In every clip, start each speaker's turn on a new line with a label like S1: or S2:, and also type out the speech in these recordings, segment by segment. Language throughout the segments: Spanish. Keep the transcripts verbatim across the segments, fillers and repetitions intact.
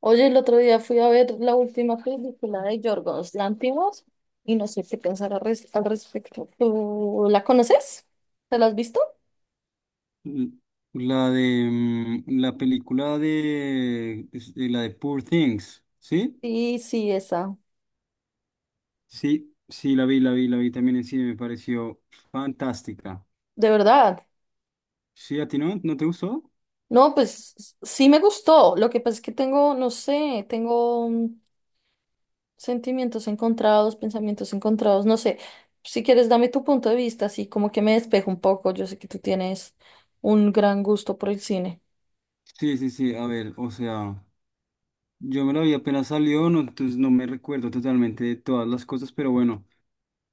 S1: Oye, el otro día fui a ver la última película de Yorgos Lanthimos y no sé qué pensar al, res- al respecto. ¿Tú la conoces? ¿Te la has visto?
S2: L- La de mm, la película de, es- de la de Poor Things, ¿sí?
S1: Sí, sí, esa.
S2: Sí, sí, la vi, la vi, la vi también en cine, me pareció fantástica.
S1: ¿De verdad?
S2: ¿Sí, a ti no? ¿No te gustó?
S1: No, pues s- sí me gustó. Lo que pasa es que tengo, no sé, tengo mm, sentimientos encontrados, pensamientos encontrados, no sé. Si quieres, dame tu punto de vista, así como que me despejo un poco. Yo sé que tú tienes un gran gusto por el cine.
S2: Sí, sí, sí, a ver, o sea, yo me la vi apenas salió, no, entonces no me recuerdo totalmente de todas las cosas, pero bueno,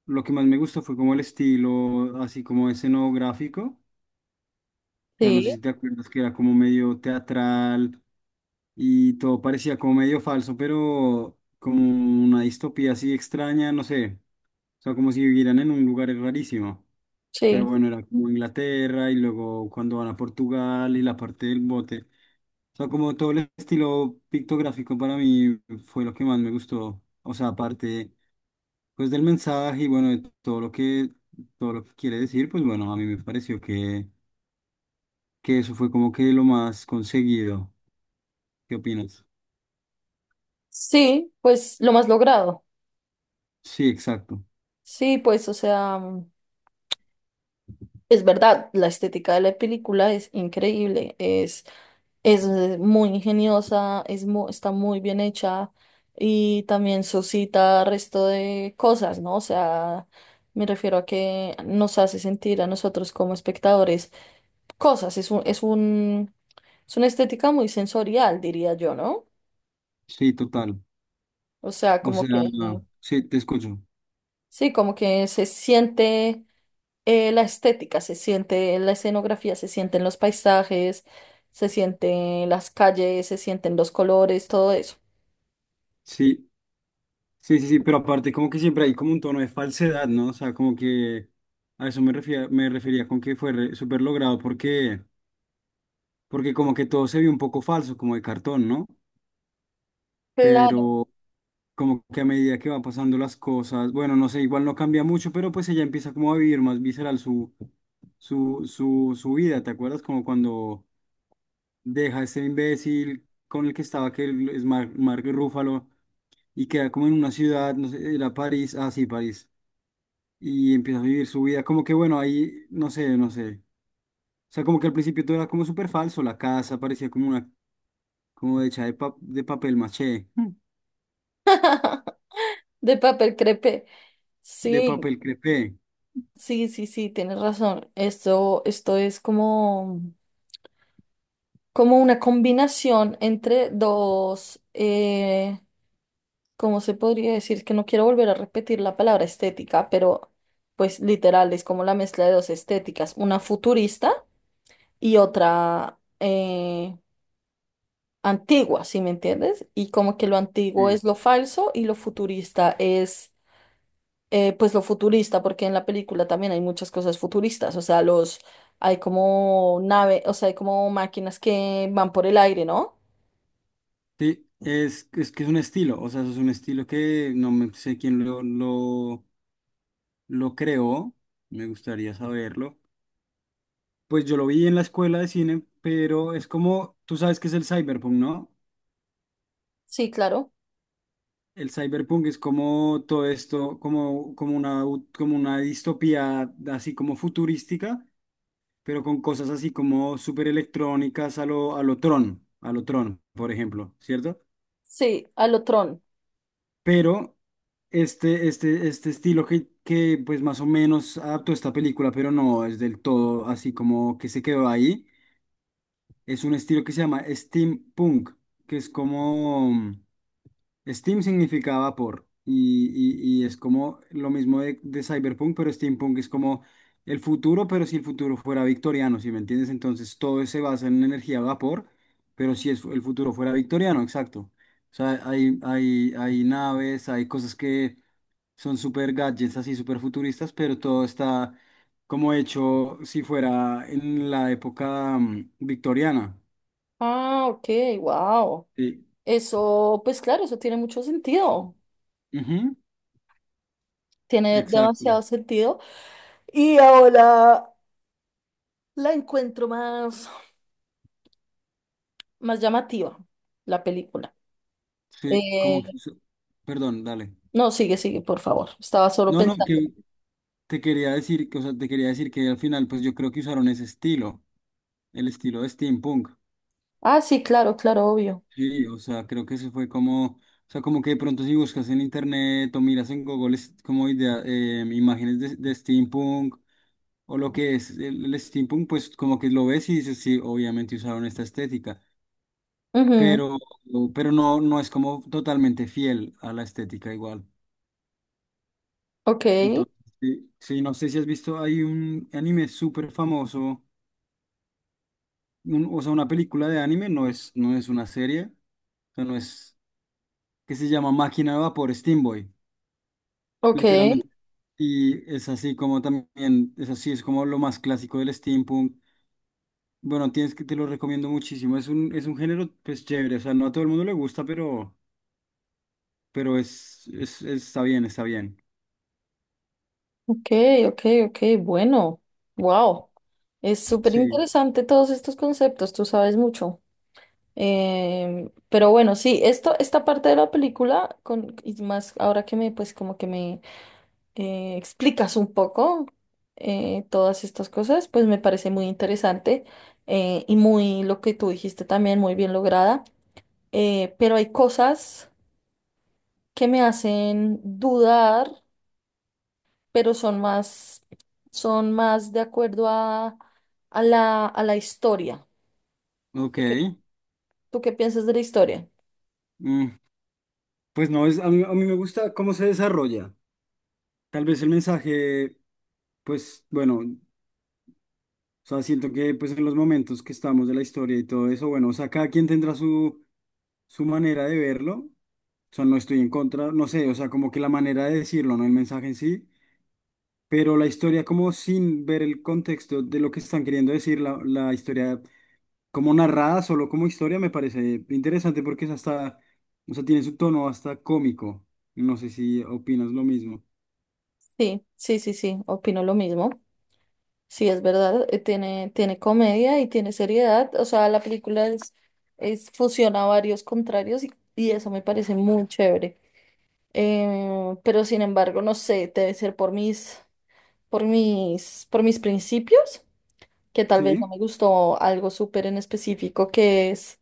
S2: lo que más me gustó fue como el estilo, así como escenográfico. Sea, no sé
S1: Sí,
S2: si te acuerdas que era como medio teatral y todo parecía como medio falso, pero como una distopía así extraña, no sé. O sea, como si vivieran en un lugar rarísimo. Pero
S1: sí.
S2: bueno, era como Inglaterra y luego cuando van a Portugal y la parte del bote. O sea, como todo el estilo pictográfico para mí fue lo que más me gustó. O sea, aparte pues del mensaje y bueno, de todo lo que todo lo que quiere decir, pues bueno, a mí me pareció que que eso fue como que lo más conseguido. ¿Qué opinas?
S1: Sí, pues lo más logrado.
S2: Sí, exacto.
S1: Sí, pues, o sea, mm, es verdad, la estética de la película es increíble, es, es eh, muy ingeniosa, es mu- está muy bien hecha y también suscita resto de cosas, ¿no? O sea, me refiero a que nos hace sentir a nosotros como espectadores cosas, es un, es un, es una estética muy sensorial, diría yo, ¿no?
S2: Sí, total.
S1: O sea,
S2: O
S1: como
S2: sea,
S1: que,
S2: sí, te escucho.
S1: sí, como que se siente eh, la estética se siente, la escenografía se siente en los paisajes, se siente en las calles, se sienten los colores, todo eso.
S2: Sí, sí, sí, sí, pero aparte como que siempre hay como un tono de falsedad, ¿no? O sea, como que a eso me refería, me refería con que fue re- súper logrado porque, porque como que todo se vio un poco falso, como de cartón, ¿no?
S1: Claro,
S2: Pero como que a medida que va pasando las cosas, bueno, no sé, igual no cambia mucho, pero pues ella empieza como a vivir más visceral su, su, su, su vida, ¿te acuerdas? Como cuando deja a este imbécil con el que estaba, que es Mar- Mark Ruffalo y queda como en una ciudad, no sé, era París, ah, sí, París, y empieza a vivir su vida, como que bueno, ahí, no sé, no sé, o sea, como que al principio todo era como súper falso, la casa parecía como una, como hecha de, pa- de papel maché. Mm.
S1: de papel crepé.
S2: De
S1: Sí,
S2: papel crepé,
S1: sí, sí, sí, tienes razón. Esto, esto es como, como una combinación entre dos, eh, ¿cómo se podría decir? Es que no quiero volver a repetir la palabra estética, pero pues literal es como la mezcla de dos estéticas, una futurista y otra, eh, antigua, ¿sí me entiendes? Y como que lo antiguo
S2: sí.
S1: es lo falso y lo futurista es, eh, pues lo futurista, porque en la película también hay muchas cosas futuristas, o sea, los, hay como nave, o sea, hay como máquinas que van por el aire, ¿no?
S2: Sí, es, es que es un estilo, o sea, eso es un estilo que no me sé quién lo, lo, lo creó, me gustaría saberlo. Pues yo lo vi en la escuela de cine, pero es como, tú sabes que es el cyberpunk, ¿no?
S1: Sí, claro.
S2: El cyberpunk es como todo esto, como, como una, u- como una distopía así como futurística, pero con cosas así como súper electrónicas a lo, a lo Tron, a lo Tron, por ejemplo, ¿cierto?
S1: Sí, a lo Tron.
S2: Pero este, este, este estilo que, que pues más o menos adaptó esta película, pero no es del todo así como que se quedó ahí, es un estilo que se llama steampunk, que es como... Steam significaba por, y, y- y es como lo mismo de, de cyberpunk, pero steampunk es como el futuro, pero si el futuro fuera victoriano, ¿si me entiendes? Entonces todo se basa en energía a vapor, pero si es- el futuro fuera victoriano, exacto. O sea, hay, hay, hay naves, hay cosas que son super gadgets, así super futuristas, pero todo está como hecho si fuera en la época mm, victoriana.
S1: Ah, ok, wow.
S2: Sí.
S1: Eso, pues claro, eso tiene mucho sentido.
S2: Ujú,
S1: Tiene demasiado
S2: exacto.
S1: sentido. Y ahora la encuentro más, más llamativa, la película.
S2: Sí, como
S1: Eh,
S2: que eso. Perdón, dale.
S1: No, sigue, sigue, por favor. Estaba solo
S2: No, no,
S1: pensando.
S2: que te quería decir, que, o sea, te quería decir que al final, pues yo creo que usaron ese estilo, el estilo de steampunk.
S1: Ah, sí, claro, claro, obvio.
S2: Sí, o sea, creo que eso fue como, o sea, como que de pronto si buscas en internet o miras en Google es como idea, eh, imágenes de, de steampunk o lo que es el, el steampunk, pues como que lo ves y dices, sí, obviamente usaron esta estética,
S1: Ujú.
S2: pero, pero no, no es como totalmente fiel a la estética igual.
S1: Ok,
S2: Entonces, sí, sí, no sé si has visto, hay un anime súper famoso, un- o sea, una película de anime, no es, no es una serie, o sea, no es, que se llama Máquina de Vapor, Steam Boy,
S1: ok,
S2: literalmente. Y es así como también, es así, es como lo más clásico del steampunk. Bueno, tienes que, te lo recomiendo muchísimo, es un, es un género, pues, chévere, o sea, no a todo el mundo le gusta, pero, pero es, es, está bien, está bien.
S1: ok, ok, ok. Bueno, wow. Es súper
S2: Sí,
S1: interesante todos estos conceptos, tú sabes mucho. Em, pero bueno, sí, esto, esta parte de la película, con, y más ahora que me, pues como que me eh, explicas un poco eh, todas estas cosas, pues me parece muy interesante eh, y muy lo que tú dijiste también, muy bien lograda. Eh, pero hay cosas que me hacen dudar, pero son más, son más de acuerdo a, a la, a la historia.
S2: ok.
S1: ¿Tú qué, tú qué piensas de la historia?
S2: mm, Pues no, es, a mí, a mí me gusta cómo se desarrolla. Tal vez el mensaje pues bueno, o sea, siento que pues en los momentos que estamos de la historia y todo eso, bueno, o sea, cada quien tendrá su, su manera de verlo, o sea, no estoy en contra, no sé, o sea, como que la manera de decirlo, no el mensaje en sí, pero la historia como sin ver el contexto de lo que están queriendo decir, la, la historia como narrada, solo como historia, me parece interesante porque es hasta, o sea, tiene su tono hasta cómico, no sé si opinas lo mismo.
S1: Sí, sí, sí, sí, opino lo mismo. Sí, es verdad, eh, tiene, tiene comedia y tiene seriedad. O sea, la película es, es fusiona varios contrarios y, y eso me parece muy chévere. Eh, pero sin embargo, no sé, debe ser por mis, por mis, por mis principios, que tal vez no
S2: Sí,
S1: me gustó algo súper en específico, que es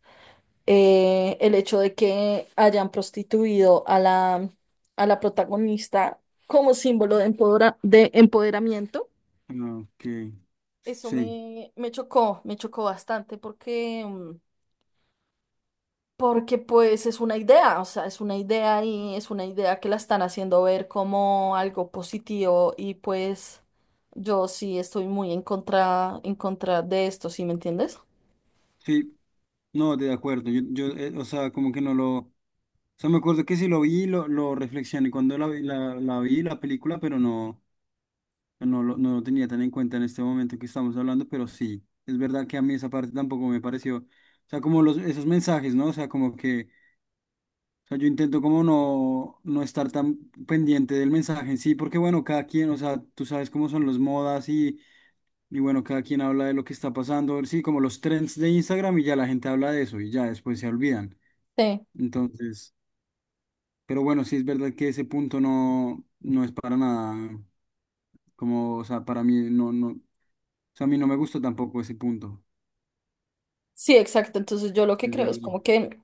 S1: eh, el hecho de que hayan prostituido a la, a la protagonista como símbolo de, empodera- de empoderamiento.
S2: ah, ok,
S1: Eso
S2: sí.
S1: me, me chocó, me chocó bastante porque, mm, porque pues es una idea, o sea, es una idea y es una idea que la están haciendo ver como algo positivo y pues yo sí estoy muy en contra, en contra de esto, ¿sí me entiendes?
S2: Sí, no, de acuerdo. Yo, yo eh, o sea, como que no lo... O sea, me acuerdo que sí lo vi, lo, lo reflexioné cuando la, vi- la, la vi, la película, pero no, no, lo- no lo tenía tan en cuenta en este momento que estamos hablando, pero sí, es verdad que a mí esa parte tampoco me pareció. O sea, como los, esos mensajes, ¿no? O sea, como que... O sea, yo intento como no, no estar tan pendiente del mensaje en sí, porque bueno, cada quien, o sea, tú sabes cómo son las modas y bueno, cada quien habla de lo que está pasando, sí, como los trends de Instagram y ya la gente habla de eso y ya después se olvidan.
S1: Sí.
S2: Entonces, pero bueno, sí es verdad que ese punto no, no es para nada, como, o sea, para mí no, no, o sea, a mí no me gusta tampoco ese punto,
S1: Sí, exacto. Entonces yo lo que
S2: es
S1: creo es
S2: verdad.
S1: como que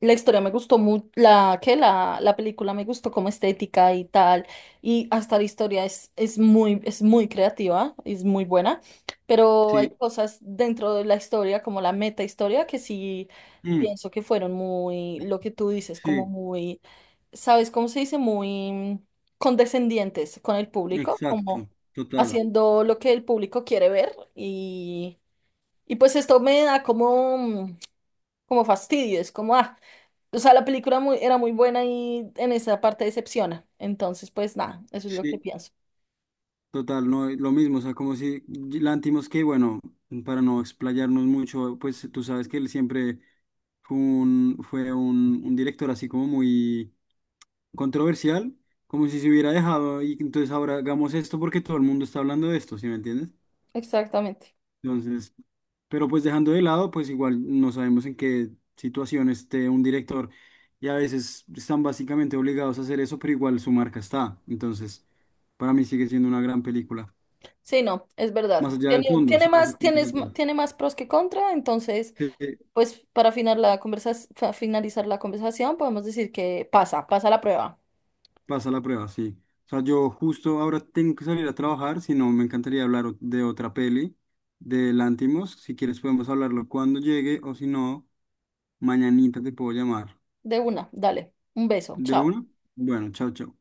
S1: la historia me gustó mucho, la que la, la película me gustó como estética y tal, y hasta la historia es, es muy, es muy creativa, es muy buena, pero hay
S2: Sí,
S1: cosas dentro de la historia, como la meta historia, que sí
S2: mm,
S1: pienso que fueron muy, lo que tú dices, como
S2: sí,
S1: muy, ¿sabes cómo se dice? Muy condescendientes con el público, como
S2: exacto, total,
S1: haciendo lo que el público quiere ver y pues esto me da como, mm, como fastidio, es como, ah, o sea, la película muy, era muy buena y en esa parte decepciona. Entonces, pues nada, eso es lo que
S2: sí,
S1: pienso.
S2: total, no, es lo mismo, o sea, como si Lantimos que, bueno, para no explayarnos mucho, pues tú sabes que él siempre fue un, fue un, un director así como muy controversial, como si se hubiera dejado y entonces ahora hagamos esto porque todo el mundo está hablando de esto, ¿sí me entiendes?
S1: Exactamente.
S2: Entonces, pero pues dejando de lado, pues igual no sabemos en qué situación esté un director y a veces están básicamente obligados a hacer eso, pero igual su marca está. Entonces, para mí sigue siendo una gran película.
S1: Sí, no, es
S2: Más
S1: verdad.
S2: allá
S1: Tiene,
S2: del fondo,
S1: tiene
S2: sí, más más
S1: más, tienes, m-
S2: allá.
S1: tiene más pros que contra, entonces,
S2: Sí.
S1: pues para final la conversa, fa- finalizar la conversación, podemos decir que pasa, pasa la prueba.
S2: Pasa la prueba, sí. O sea, yo justo ahora tengo que salir a trabajar, si no, me encantaría hablar o- de otra peli, de Lantimos. Si quieres podemos hablarlo cuando llegue o si no, mañanita te puedo llamar.
S1: De una, dale. Un beso,
S2: ¿De
S1: chao.
S2: una? Bueno, chao, chao.